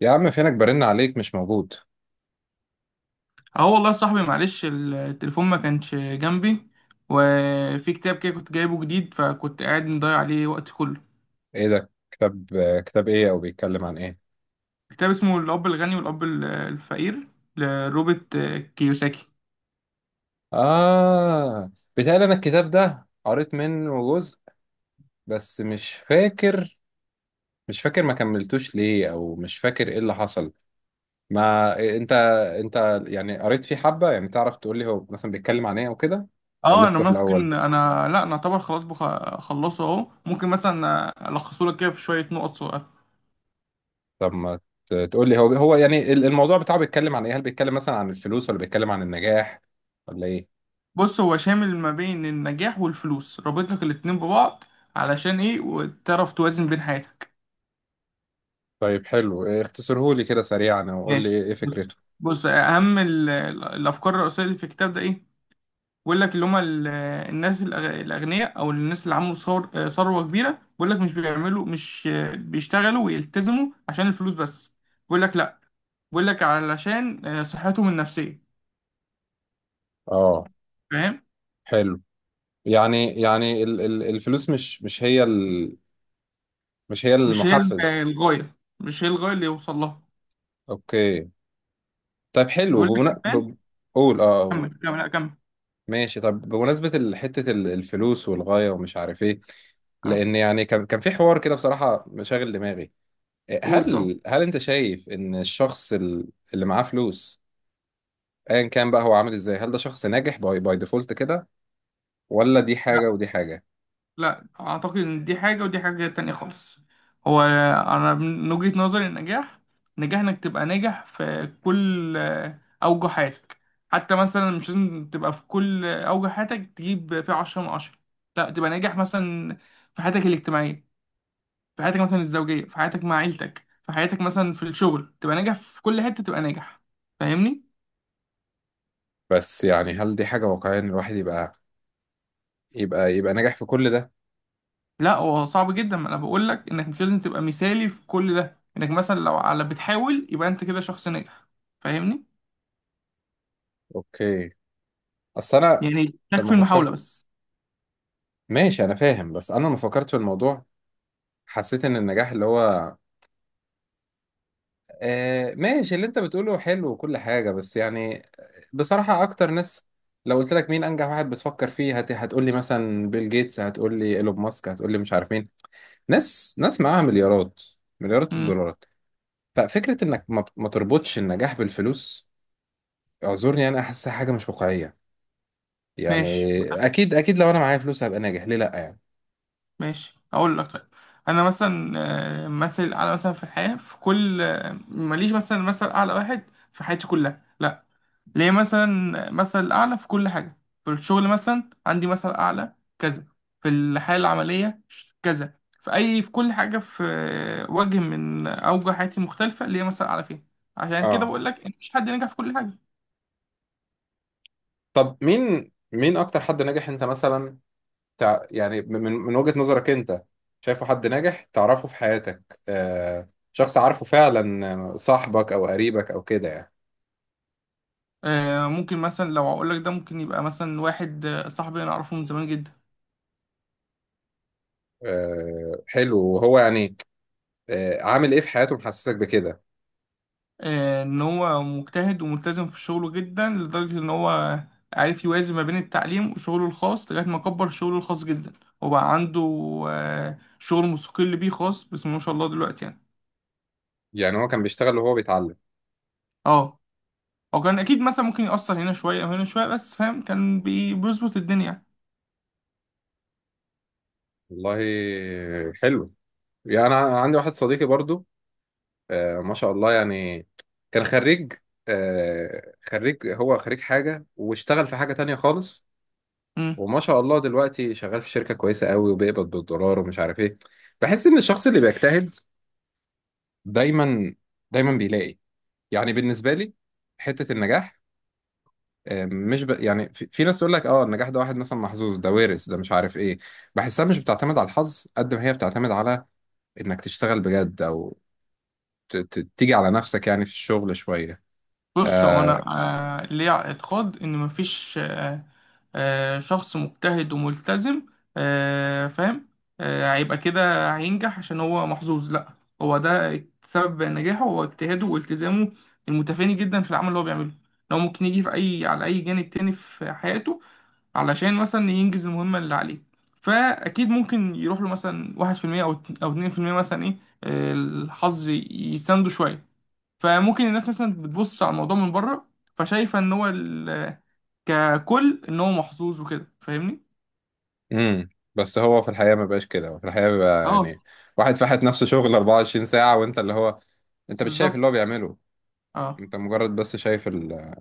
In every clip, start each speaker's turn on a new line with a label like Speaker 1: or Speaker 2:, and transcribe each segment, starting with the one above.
Speaker 1: يا عم فينك برن عليك مش موجود.
Speaker 2: اه والله يا صاحبي، معلش التليفون ما كانش جنبي. وفي كتاب كده كنت جايبه جديد، فكنت قاعد مضيع عليه وقت كله.
Speaker 1: ايه ده كتاب؟ كتاب ايه او بيتكلم عن ايه؟
Speaker 2: كتاب اسمه الأب الغني والأب الفقير، لروبرت كيوساكي.
Speaker 1: اه، بيتهيألي انا الكتاب ده قريت منه جزء، بس مش فاكر. مش فاكر ما كملتوش ليه او مش فاكر ايه اللي حصل. ما انت انت يعني قريت فيه حبة، يعني تعرف تقول لي هو مثلا بيتكلم عن ايه او كده؟ ولا
Speaker 2: اه انا
Speaker 1: لسه في الاول؟
Speaker 2: ممكن، انا لا انا اعتبر خلاص خلصه اهو. ممكن مثلا الخصه لك كده في شويه نقط صغيره.
Speaker 1: طب ما تقول لي هو يعني الموضوع بتاعه بيتكلم عن ايه؟ هل بيتكلم مثلا عن الفلوس ولا بيتكلم عن النجاح ولا ايه؟
Speaker 2: بص، هو شامل ما بين النجاح والفلوس، رابط لك الاتنين ببعض، علشان ايه؟ وتعرف توازن بين حياتك.
Speaker 1: طيب حلو اختصرهولي كده سريعا او قول لي
Speaker 2: ماشي،
Speaker 1: ايه
Speaker 2: بص.
Speaker 1: فكرته.
Speaker 2: بص اهم ال- الافكار الرئيسيه اللي في الكتاب ده ايه؟ بيقول لك اللي هم الناس الاغنياء، او الناس اللي عملوا ثروه كبيره، بيقول لك مش بيعملوا، مش آه، بيشتغلوا ويلتزموا عشان الفلوس بس. بيقول لك لا، بيقول لك علشان صحتهم النفسيه،
Speaker 1: اه
Speaker 2: فاهم.
Speaker 1: حلو. يعني الفلوس مش هي مش هي
Speaker 2: مش هي
Speaker 1: المحفز.
Speaker 2: الغايه، مش هي الغايه اللي يوصل لها.
Speaker 1: اوكي. طيب حلو
Speaker 2: بيقول لك كمان.
Speaker 1: قول قول.
Speaker 2: كمل لا كمل.
Speaker 1: ماشي. طب بمناسبة حتة الفلوس والغاية ومش عارف ايه،
Speaker 2: اه
Speaker 1: لان يعني كان في حوار كده بصراحة مشاغل دماغي.
Speaker 2: قول طبعا.
Speaker 1: هل انت شايف ان الشخص اللي معاه فلوس، ايا كان بقى هو عامل ازاي، هل ده شخص ناجح باي ديفولت كده؟ ولا دي حاجة ودي حاجة؟
Speaker 2: لا، اعتقد ان دي حاجه ودي حاجه تانية خالص. هو انا من وجهه نظري، النجاح نجاح انك تبقى ناجح في كل اوجه حياتك. حتى مثلا مش لازم تبقى في كل اوجه حياتك تجيب فيها عشرة من عشرة، لا. تبقى ناجح مثلا في حياتك الاجتماعيه، في حياتك مثلا الزوجيه، في حياتك مع عيلتك، في حياتك مثلا في الشغل، تبقى ناجح في كل حته تبقى ناجح، فاهمني.
Speaker 1: بس يعني هل دي حاجة واقعية ان الواحد يبقى ناجح في كل ده؟
Speaker 2: لا، هو صعب جدا، ما انا بقول لك انك مش لازم تبقى مثالي في كل ده، انك مثلا لو على بتحاول يبقى انت كده شخص ناجح، فاهمني.
Speaker 1: اوكي. اصل انا
Speaker 2: يعني تكفي
Speaker 1: لما
Speaker 2: المحاولة
Speaker 1: فكرت،
Speaker 2: بس.
Speaker 1: ماشي انا فاهم. بس انا لما فكرت في الموضوع حسيت ان النجاح اللي هو آه، ماشي اللي انت بتقوله حلو وكل حاجة، بس يعني بصراحة اكتر ناس، لو قلت لك مين انجح واحد بتفكر فيه، هتقول لي مثلا بيل جيتس، هتقول لي ايلون ماسك، هتقول لي مش عارف مين، ناس معاها مليارات، مليارات
Speaker 2: امم،
Speaker 1: الدولارات. ففكرة انك ما تربطش النجاح بالفلوس، اعذرني انا احسها حاجة مش واقعية يعني.
Speaker 2: ماشي.
Speaker 1: اكيد لو انا معايا فلوس هبقى ناجح، ليه لا يعني.
Speaker 2: ماشي اقول لك، طيب. انا مثلا مثل اعلى مثلا في الحياة، في كل ماليش مثلا مثل اعلى واحد في حياتي كلها، لا. ليه مثلا مثل اعلى في كل حاجه؟ في الشغل مثلا عندي مثل اعلى كذا، في الحياه العمليه كذا، في اي في كل حاجه، في وجه من اوجه حياتي المختلفه ليه مثل اعلى فيها. عشان كده
Speaker 1: اه.
Speaker 2: بقول لك ان مفيش حد نجح في كل حاجه.
Speaker 1: طب مين اكتر حد ناجح انت مثلا يعني من وجهة نظرك انت، شايفه حد ناجح تعرفه في حياتك، آه شخص عارفه فعلا، آه، صاحبك او قريبك او كده يعني؟
Speaker 2: ممكن مثلا لو اقول لك ده، ممكن يبقى مثلا واحد صاحبي، انا اعرفه من زمان جدا.
Speaker 1: آه حلو. وهو يعني آه عامل ايه في حياته محسسك بكده؟
Speaker 2: ان هو مجتهد وملتزم في شغله جدا، لدرجة ان هو عارف يوازن ما بين التعليم وشغله الخاص، لغاية ما كبر شغله الخاص جدا، وبقى عنده شغل مستقل بيه خاص بسم الله ما شاء الله دلوقتي يعني.
Speaker 1: يعني هو كان بيشتغل وهو بيتعلم؟
Speaker 2: اه، هو كان اكيد مثلا ممكن يأثر هنا شوية وهنا شوية، بس فاهم، كان بيظبط الدنيا.
Speaker 1: والله حلو. يعني انا عندي واحد صديقي برضو، آه، ما شاء الله يعني، كان خريج، آه، خريج، هو خريج حاجة واشتغل في حاجة تانية خالص، وما شاء الله دلوقتي شغال في شركة كويسة قوي وبيقبض بالدولار ومش عارف ايه. بحس ان الشخص اللي بيجتهد دايما، بيلاقي. يعني بالنسبة لي حتة النجاح، آه، مش ب... يعني في ناس تقول لك اه النجاح ده واحد مثلا محظوظ، ده وارث، ده مش عارف ايه. بحسها مش بتعتمد على الحظ قد ما هي بتعتمد على انك تشتغل بجد، او تيجي على نفسك يعني في الشغل شوية.
Speaker 2: بص هو انا
Speaker 1: آه،
Speaker 2: آه، ليا اعتقاد ان مفيش شخص مجتهد وملتزم، فاهم، هيبقى كده هينجح عشان هو محظوظ، لا. هو ده سبب نجاحه، هو اجتهاده والتزامه المتفاني جدا في العمل اللي هو بيعمله. لو ممكن يجي في اي على اي جانب تاني في حياته علشان مثلا ينجز المهمة اللي عليه. فاكيد ممكن يروح له مثلا 1% او 2% مثلا ايه، الحظ يسنده شوية. فممكن الناس مثلا بتبص على الموضوع من بره، فشايفه ان هو ككل ان هو محظوظ وكده، فاهمني.
Speaker 1: امم. بس هو في الحقيقة ما بقاش كده، هو في الحقيقة بيبقى يعني
Speaker 2: اه
Speaker 1: واحد فاحت نفسه شغل 24 ساعة، وانت اللي هو انت مش شايف اللي هو
Speaker 2: بالظبط.
Speaker 1: بيعمله.
Speaker 2: اه
Speaker 1: انت مجرد بس شايف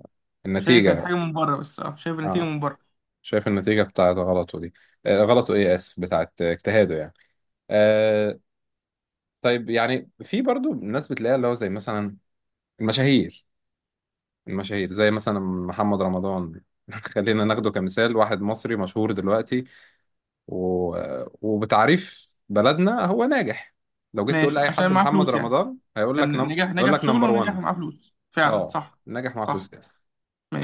Speaker 2: شايف الحاجه
Speaker 1: النتيجة.
Speaker 2: من بره بس، اه شايف النتيجه
Speaker 1: اه
Speaker 2: من بره.
Speaker 1: شايف النتيجة بتاعت غلطه دي، آه غلطه ايه، اسف، بتاعت اجتهاده يعني. آه. طيب يعني في برضو ناس بتلاقيها اللي هو زي مثلا المشاهير، زي مثلا محمد رمضان. خلينا ناخده كمثال، واحد مصري مشهور دلوقتي، و... وبتعريف بلدنا هو ناجح. لو جيت تقول
Speaker 2: ماشي،
Speaker 1: لأي
Speaker 2: عشان
Speaker 1: حد
Speaker 2: معاه
Speaker 1: محمد
Speaker 2: فلوس يعني؟
Speaker 1: رمضان،
Speaker 2: كان نجح
Speaker 1: هيقول
Speaker 2: في
Speaker 1: لك
Speaker 2: شغله،
Speaker 1: نمبر
Speaker 2: ونجح
Speaker 1: 1.
Speaker 2: معاه فلوس فعلا
Speaker 1: اه
Speaker 2: صح.
Speaker 1: ناجح مع فلوس.
Speaker 2: صح،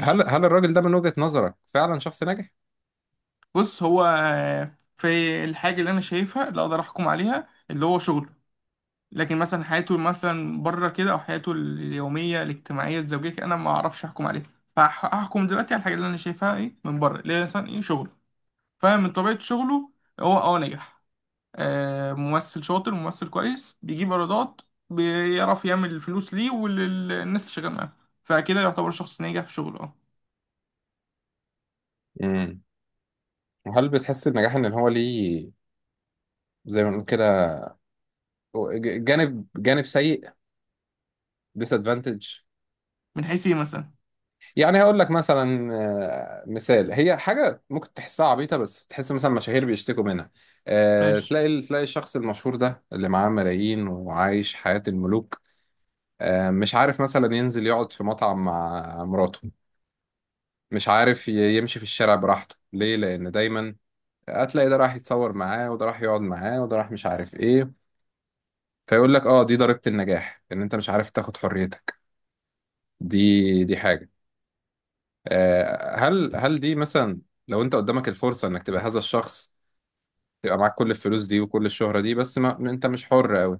Speaker 1: هل هل الراجل ده من وجهة نظرك فعلا شخص ناجح؟
Speaker 2: بص، هو في الحاجه اللي انا شايفها اللي اقدر احكم عليها اللي هو شغله، لكن مثلا حياته مثلا بره كده، او حياته اليوميه الاجتماعيه الزوجيه كده، انا ما اعرفش احكم عليها. فهحكم دلوقتي على الحاجه اللي انا شايفها ايه من بره، اللي هي مثلا ايه شغله. فمن طبيعه شغله هو اه نجح، آه ممثل شاطر، ممثل كويس، بيجيب ايرادات، بيعرف يعمل فلوس ليه وللناس اللي شغال معاه. فكده يعتبر شخص ناجح في شغله، اه.
Speaker 1: امم. وهل بتحس النجاح ان هو ليه، زي ما بنقول كده، جانب، سيء، disadvantage؟
Speaker 2: من حيث ايه مثلا؟
Speaker 1: يعني هقول لك مثلا، آه، مثال هي حاجه ممكن تحسها عبيطه بس تحس مثلا مشاهير بيشتكوا منها. آه،
Speaker 2: ماشي.
Speaker 1: تلاقي الشخص المشهور ده اللي معاه ملايين وعايش حياه الملوك، آه، مش عارف مثلا ينزل يقعد في مطعم مع مراته، مش عارف يمشي في الشارع براحته، ليه؟ لان دايما هتلاقي ده راح يتصور معاه وده راح يقعد معاه وده راح مش عارف ايه. فيقول لك اه دي ضريبة النجاح، ان انت مش عارف تاخد حريتك. دي حاجة. آه، هل دي مثلا، لو انت قدامك الفرصة انك تبقى هذا الشخص، تبقى معاك كل الفلوس دي وكل الشهرة دي، بس ما انت مش حر قوي،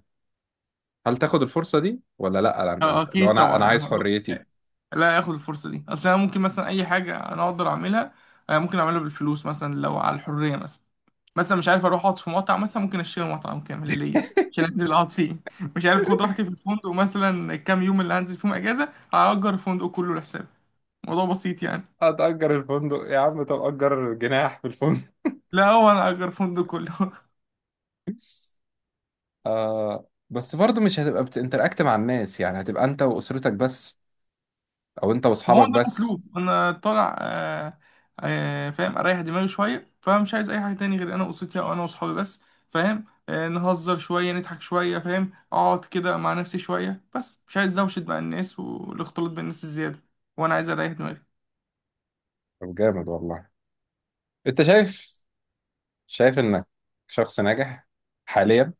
Speaker 1: هل تاخد الفرصة دي ولا لا؟
Speaker 2: اه
Speaker 1: لو
Speaker 2: اكيد
Speaker 1: انا
Speaker 2: طبعا.
Speaker 1: عايز
Speaker 2: أنا
Speaker 1: حريتي.
Speaker 2: لا اخد الفرصه دي، اصل انا ممكن مثلا اي حاجه انا اقدر اعملها، ممكن اعملها بالفلوس. مثلا لو على الحريه، مثلا مثلا مش عارف اروح اقعد في مطعم، مثلا ممكن اشتري مطعم كامل ليا عشان انزل اقعد فيه. مش عارف اخد راحتي في الفندق مثلا، الكام يوم اللي هنزل فيهم اجازه هاجر الفندق كله لحسابي، الموضوع بسيط يعني.
Speaker 1: هتأجر الفندق يا عم، طب أجر جناح في الفندق.
Speaker 2: لا، هو انا اجر الفندق كله.
Speaker 1: آه بس برضه مش هتبقى بتنتراكت مع الناس، يعني هتبقى انت واسرتك بس، او انت
Speaker 2: ما هو
Speaker 1: واصحابك
Speaker 2: ده
Speaker 1: بس.
Speaker 2: مطلوب، انا طالع فاهم اريح دماغي شويه، فمش عايز اي حاجه تاني غير انا واسرتي، او انا واصحابي بس، فاهم، نهزر شويه نضحك شويه، فاهم، اقعد كده مع نفسي شويه، بس مش عايز دوشه مع الناس والاختلاط بالناس الزياده، وانا عايز اريح دماغي.
Speaker 1: طب جامد والله. انت شايف، انك شخص ناجح حاليا،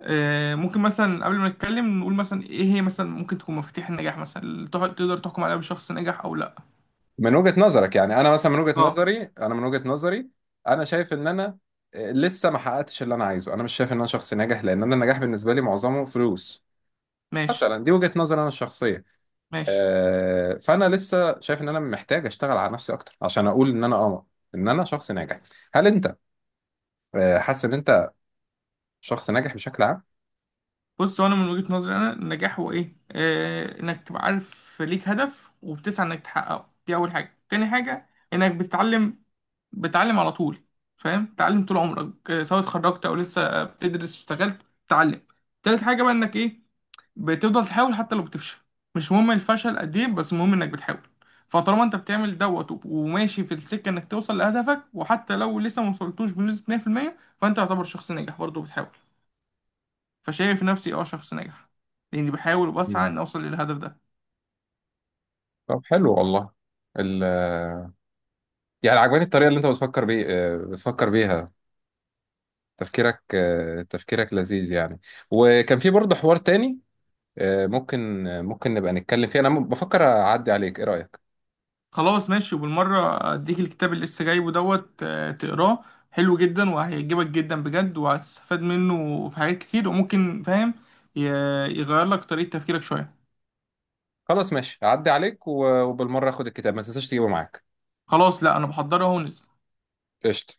Speaker 2: ممكن مثلا قبل ما نتكلم نقول مثلا ايه هي مثلا ممكن تكون مفاتيح النجاح مثلا اللي تقدر تحكم عليها بشخص نجح او لا.
Speaker 1: من وجهة نظرك يعني؟ انا مثلا من وجهة
Speaker 2: اه.
Speaker 1: نظري، من وجهة نظري انا شايف ان انا آه، لسه ما حققتش اللي انا عايزه. انا مش شايف ان انا شخص ناجح، لان انا النجاح بالنسبة لي معظمه فلوس.
Speaker 2: ماشي.
Speaker 1: مثلا دي وجهة نظري انا الشخصية.
Speaker 2: ماشي
Speaker 1: آه، فانا لسه شايف ان انا محتاج اشتغل على نفسي اكتر عشان اقول ان انا اه، ان انا شخص ناجح. هل انت آه، حاسس ان انت شخص ناجح بشكل عام؟
Speaker 2: بص، هو انا من وجهة نظري، انا النجاح هو ايه؟ آه انك تبقى عارف ليك هدف وبتسعى انك تحققه، دي اول حاجة. تاني حاجة انك بتتعلم على طول، فاهم، تتعلم طول عمرك، سواء اتخرجت او لسه بتدرس، اشتغلت تتعلم. تالت حاجة بقى انك ايه؟ بتفضل تحاول حتى لو بتفشل، مش مهم الفشل قد ايه، بس المهم انك بتحاول. فطالما انت بتعمل دوت وماشي في السكه انك توصل لهدفك، وحتى لو لسه ما وصلتوش بنسبه 100%، فانت يعتبر شخص ناجح برضه بتحاول. فشايف نفسي اه شخص ناجح، لاني بحاول وبسعى
Speaker 1: مم.
Speaker 2: ان اوصل للهدف ده.
Speaker 1: طب حلو والله. ال يعني عجباني الطريقه اللي انت بتفكر بيه، آه، بتفكر بيها. تفكيرك آه، تفكيرك لذيذ يعني. وكان في برضه حوار تاني، آه، ممكن، آه، ممكن نبقى نتكلم فيه. انا بفكر اعدي عليك، ايه رايك؟
Speaker 2: خلاص ماشي، وبالمره اديك الكتاب اللي لسه جايبه دوت تقراه، حلو جدا وهيعجبك جدا بجد، وهتستفاد منه في حاجات كتير، وممكن فاهم، ي- يغير لك طريقه تفكيرك شويه.
Speaker 1: خلاص ماشي، اعدي عليك وبالمره اخد الكتاب، ما تنساش تجيبه معاك.
Speaker 2: خلاص لا انا بحضرها اهو.
Speaker 1: قشطه.